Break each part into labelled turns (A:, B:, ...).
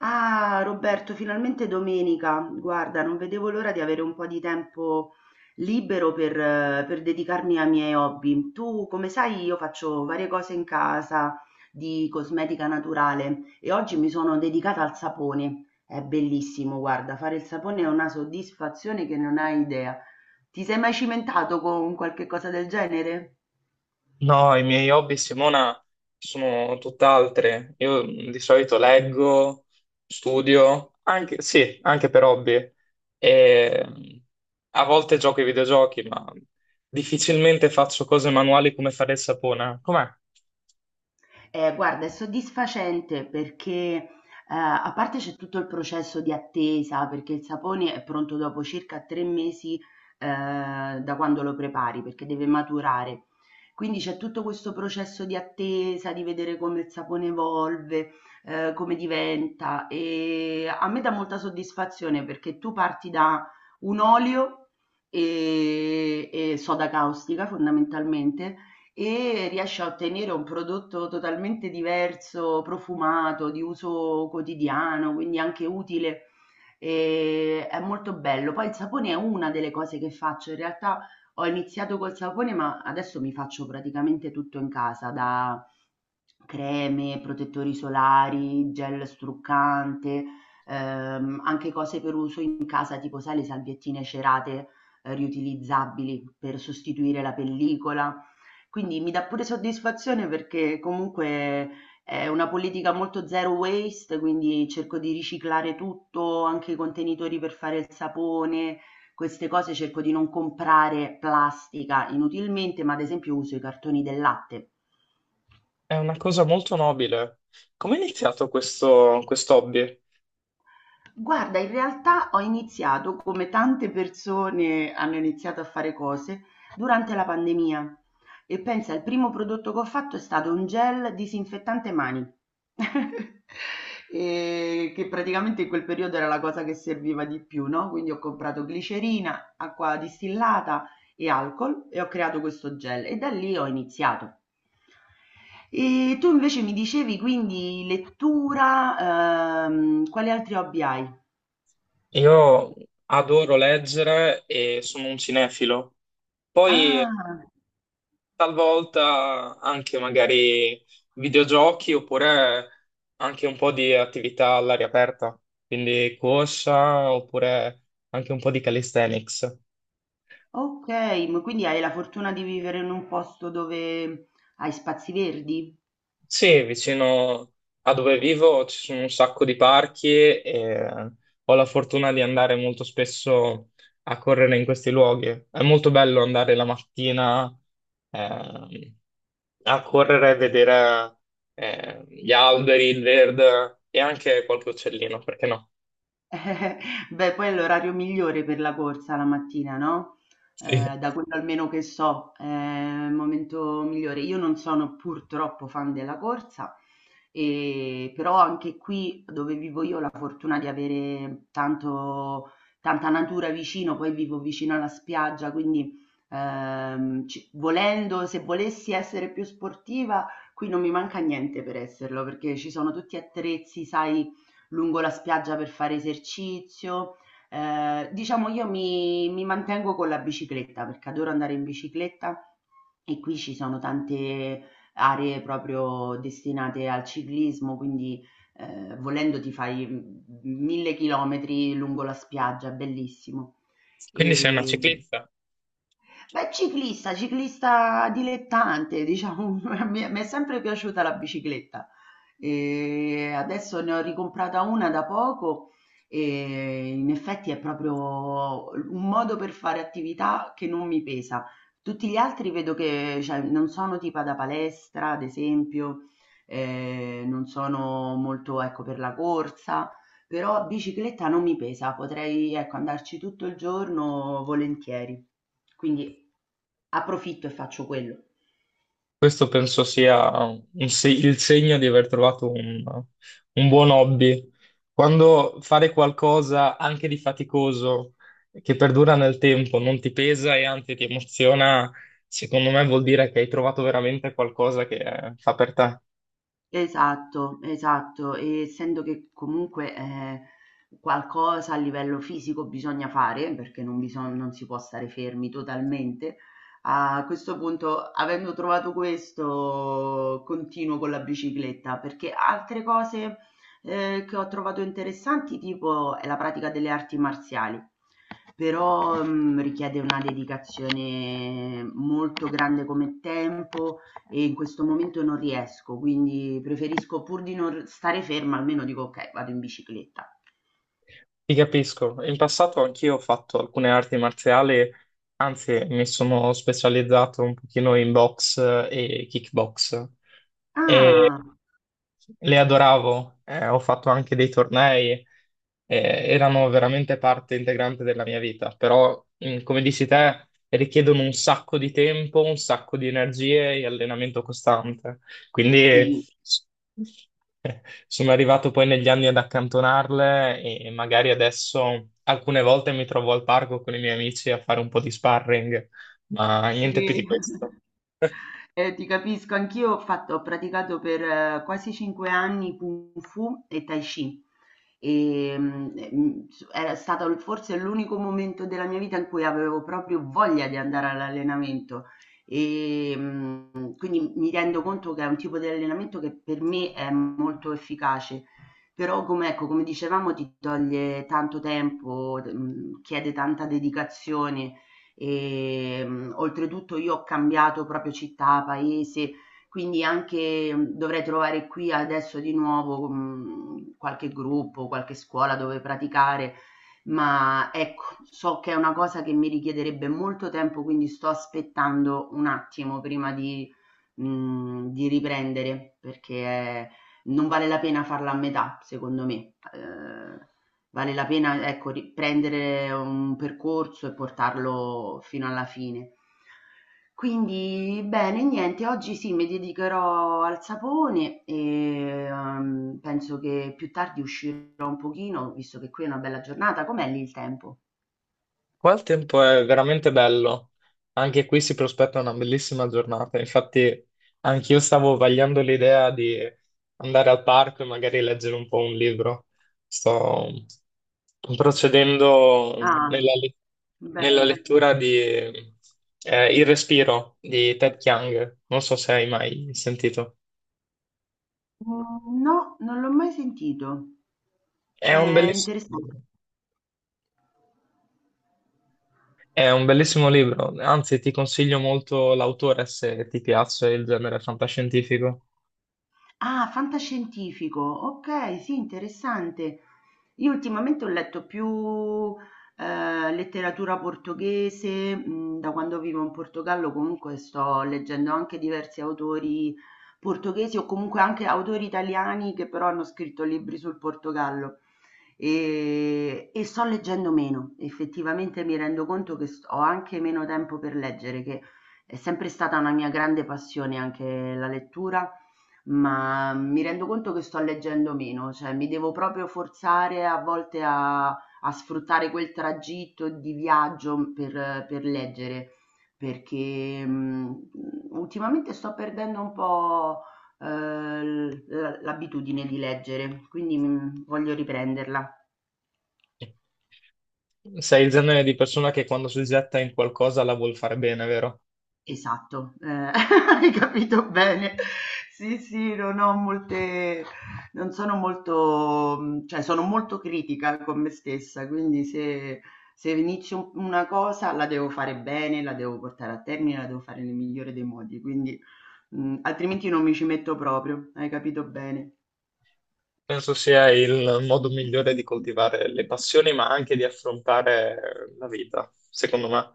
A: Ah, Roberto, finalmente è domenica. Guarda, non vedevo l'ora di avere un po' di tempo libero per dedicarmi ai miei hobby. Tu, come sai, io faccio varie cose in casa di cosmetica naturale e oggi mi sono dedicata al sapone. È bellissimo, guarda, fare il sapone è una soddisfazione che non hai idea. Ti sei mai cimentato con qualche cosa del genere?
B: No, i miei hobby, Simona, sono tutt'altre. Io di solito leggo, studio, anche, sì, anche per hobby. E, mh, A volte gioco ai videogiochi, ma difficilmente faccio cose manuali come fare il sapone. Com'è?
A: Guarda, è soddisfacente perché, a parte c'è tutto il processo di attesa, perché il sapone è pronto dopo circa 3 mesi, da quando lo prepari, perché deve maturare. Quindi c'è tutto questo processo di attesa, di vedere come il sapone evolve, come diventa. E a me dà molta soddisfazione perché tu parti da un olio e soda caustica fondamentalmente e riesce a ottenere un prodotto totalmente diverso, profumato, di uso quotidiano, quindi anche utile. E è molto bello. Poi il sapone è una delle cose che faccio. In realtà ho iniziato col sapone, ma adesso mi faccio praticamente tutto in casa, da creme, protettori solari, gel struccante, anche cose per uso in casa, tipo sai le salviettine cerate, riutilizzabili per sostituire la pellicola. Quindi mi dà pure soddisfazione perché comunque è una politica molto zero waste, quindi cerco di riciclare tutto, anche i contenitori per fare il sapone, queste cose cerco di non comprare plastica inutilmente, ma ad esempio uso i cartoni del latte.
B: È una cosa molto nobile. Come è iniziato questo hobby?
A: Guarda, in realtà ho iniziato, come tante persone hanno iniziato a fare cose, durante la pandemia. E pensa, il primo prodotto che ho fatto è stato un gel disinfettante mani, e che praticamente in quel periodo era la cosa che serviva di più, no? Quindi ho comprato glicerina, acqua distillata e alcol e ho creato questo gel e da lì ho iniziato. E tu invece mi dicevi quindi lettura, quali altri hobby hai?
B: Io adoro leggere e sono un cinefilo. Poi
A: Ah,
B: talvolta anche magari videogiochi oppure anche un po' di attività all'aria aperta, quindi corsa oppure anche un po' di calisthenics.
A: ok, ma quindi hai la fortuna di vivere in un posto dove hai spazi verdi?
B: Sì, vicino a dove vivo ci sono un sacco di parchi e ho la fortuna di andare molto spesso a correre in questi luoghi. È molto bello andare la mattina. ehm, A correre e vedere gli alberi, il verde e anche qualche uccellino, perché no?
A: Beh, poi è l'orario migliore per la corsa la mattina, no?
B: Sì.
A: Da quello almeno che so, è il momento migliore. Io non sono purtroppo fan della corsa, però anche qui dove vivo io ho la fortuna di avere tanta natura vicino, poi vivo vicino alla spiaggia, quindi volendo, se volessi essere più sportiva, qui non mi manca niente per esserlo, perché ci sono tutti attrezzi, sai lungo la spiaggia per fare esercizio. Diciamo io mi mantengo con la bicicletta perché adoro andare in bicicletta e qui ci sono tante aree proprio destinate al ciclismo, quindi volendo ti fai mille chilometri lungo la spiaggia, bellissimo.
B: Quindi sei una
A: E,
B: ciclista.
A: Beh, ciclista, ciclista dilettante, diciamo, mi è sempre piaciuta la bicicletta. E adesso ne ho ricomprata una da poco e in effetti è proprio un modo per fare attività che non mi pesa. Tutti gli altri vedo che, cioè, non sono tipo da palestra, ad esempio, non sono molto, ecco, per la corsa però bicicletta non mi pesa, potrei, ecco, andarci tutto il giorno volentieri. Quindi approfitto e faccio quello.
B: Questo penso sia un se- il segno di aver trovato un buon hobby. Quando fare qualcosa anche di faticoso, che perdura nel tempo, non ti pesa e anzi ti emoziona, secondo me vuol dire che hai trovato veramente qualcosa che fa per te.
A: Esatto, esatto. E essendo che comunque, qualcosa a livello fisico bisogna fare, perché non si può stare fermi totalmente, a questo punto, avendo trovato questo, continuo con la bicicletta, perché altre cose, che ho trovato interessanti, tipo è la pratica delle arti marziali, però, richiede una dedicazione molto grande come tempo, e in questo momento non riesco, quindi preferisco pur di non stare ferma, almeno dico: "Okay, vado in bicicletta".
B: Ti capisco. In passato anch'io ho fatto alcune arti marziali, anzi mi sono specializzato un pochino in box e kickbox
A: Ah,
B: le adoravo, ho fatto anche dei tornei, eh, erano veramente parte integrante della mia vita, però, mm, come dici te, richiedono un sacco di tempo, un sacco di energie e allenamento costante. Quindi
A: sì.
B: s- eh, sono arrivato poi negli anni ad accantonarle e magari adesso alcune volte mi trovo al parco con i miei amici a fare un po' di sparring, ma niente più di
A: Sì.
B: questo.
A: Ti capisco, anch'io ho praticato per quasi 5 anni Kung Fu e Tai Chi. Era stato forse l'unico momento della mia vita in cui avevo proprio voglia di andare all'allenamento. Quindi mi rendo conto che è un tipo di allenamento che per me è molto efficace. Però, come, ecco, come dicevamo, ti toglie tanto tempo, chiede tanta dedicazione. Oltretutto io ho cambiato proprio città, paese, quindi anche dovrei trovare qui adesso di nuovo, qualche gruppo, qualche scuola dove praticare, ma ecco, so che è una cosa che mi richiederebbe molto tempo, quindi sto aspettando un attimo prima di di riprendere, perché è, non vale la pena farla a metà, secondo me. Vale la pena, ecco, ri prendere un percorso e portarlo fino alla fine. Quindi bene, niente, oggi sì, mi dedicherò al sapone e, penso che più tardi uscirò un pochino, visto che qui è una bella giornata. Com'è lì il tempo?
B: Qua il tempo è veramente bello, anche qui si prospetta una bellissima giornata, infatti anch'io stavo vagliando l'idea di andare al parco e magari leggere un po' un libro. Sto procedendo
A: Ah,
B: nella, le- nella
A: bene.
B: lettura di Il respiro di Ted Chiang, non so se hai mai sentito.
A: Mhmm, no, non l'ho mai sentito.
B: È un
A: È
B: belliss-
A: interessan.
B: è un bellissimo libro, anzi ti consiglio molto l'autore se ti piace il genere fantascientifico.
A: Ah, fantascientifico, okay, sì, interessante. Io ultimamente ho letto più letteratura portoghese, da quando vivo in Portogallo comunque sto leggendo anche diversi autori portoghesi o comunque anche autori italiani che però hanno scritto libri sul Portogallo e sto leggendo meno, effettivamente mi rendo conto che ho anche meno tempo per leggere, che è sempre stata una mia grande passione anche la lettura, ma mi rendo conto che sto leggendo meno, cioè mi devo proprio forzare a volte a sfruttare quel tragitto di viaggio per leggere, perché ultimamente sto perdendo un po' eh, l'abitudine di leggere, quindi voglio riprenderla.
B: Sei il genere di persona che quando si getta in qualcosa la vuol fare bene, vero?
A: Esatto, hai capito bene. Sì, sì, non ho molte non sono molto cioè sono molto critica con me stessa, quindi se se inizio u una cosa la devo fare bene, la devo portare a termine, la devo fare nel migliore dei modi, quindi, altrimenti non mi ci metto proprio, hai capito bene.
B: Penso sia il modo migliore di coltivare le passioni, ma anche di affrontare la vita, secondo me.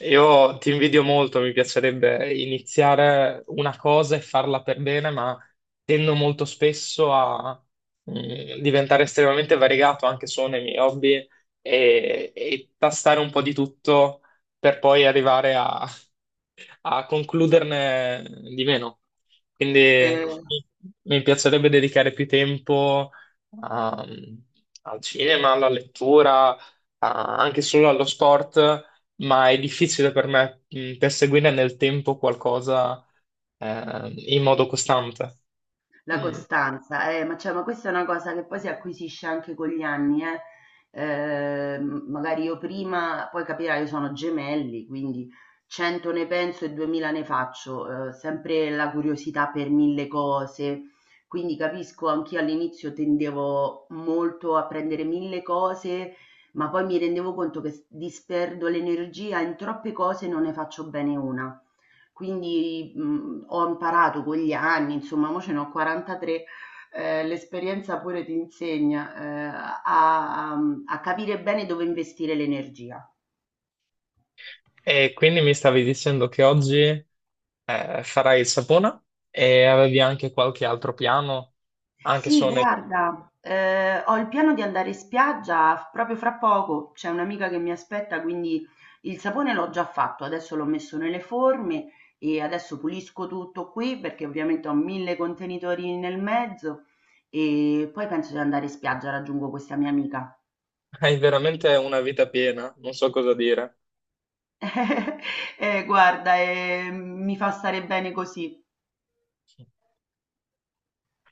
B: Io ti invidio molto, mi piacerebbe iniziare una cosa e farla per bene, ma tendo molto spesso a diventare estremamente variegato anche solo nei miei hobby e tastare un po' di tutto per poi arrivare a concluderne di meno. Quindi
A: Ehm
B: mi mi piacerebbe dedicare più tempo a- al cinema, alla lettura, anche solo allo sport, ma è difficile per me perseguire nel tempo qualcosa in modo costante.
A: La
B: Mm,
A: costanza, ma, cioè, ma questa è una cosa che poi si acquisisce anche con gli anni, eh. Magari io prima, poi capirai, io sono gemelli, quindi 100 ne penso e 2000 ne faccio, sempre la curiosità per mille cose, quindi capisco, anch'io all'inizio tendevo molto a prendere mille cose, ma poi mi rendevo conto che disperdo l'energia in troppe cose e non ne faccio bene una. Quindi, ho imparato con gli anni, insomma, mo ce ne ho 43, l'esperienza pure ti insegna, a capire bene dove investire l'energia.
B: e quindi mi stavi dicendo che oggi farai il sapone e avevi anche qualche altro piano, anche
A: Sì,
B: solo nei.
A: guarda, ho il piano di andare in spiaggia f proprio fra poco, c'è un'amica che mi aspetta, quindi il sapone l'ho già fatto, adesso l'ho messo nelle forme e adesso pulisco tutto qui, perché ovviamente ho 1000 contenitori nel mezzo e poi penso di andare in spiaggia, raggiungo questa mia amica.
B: Hai veramente una vita piena, non so cosa dire.
A: Guarda, mi fa stare bene così.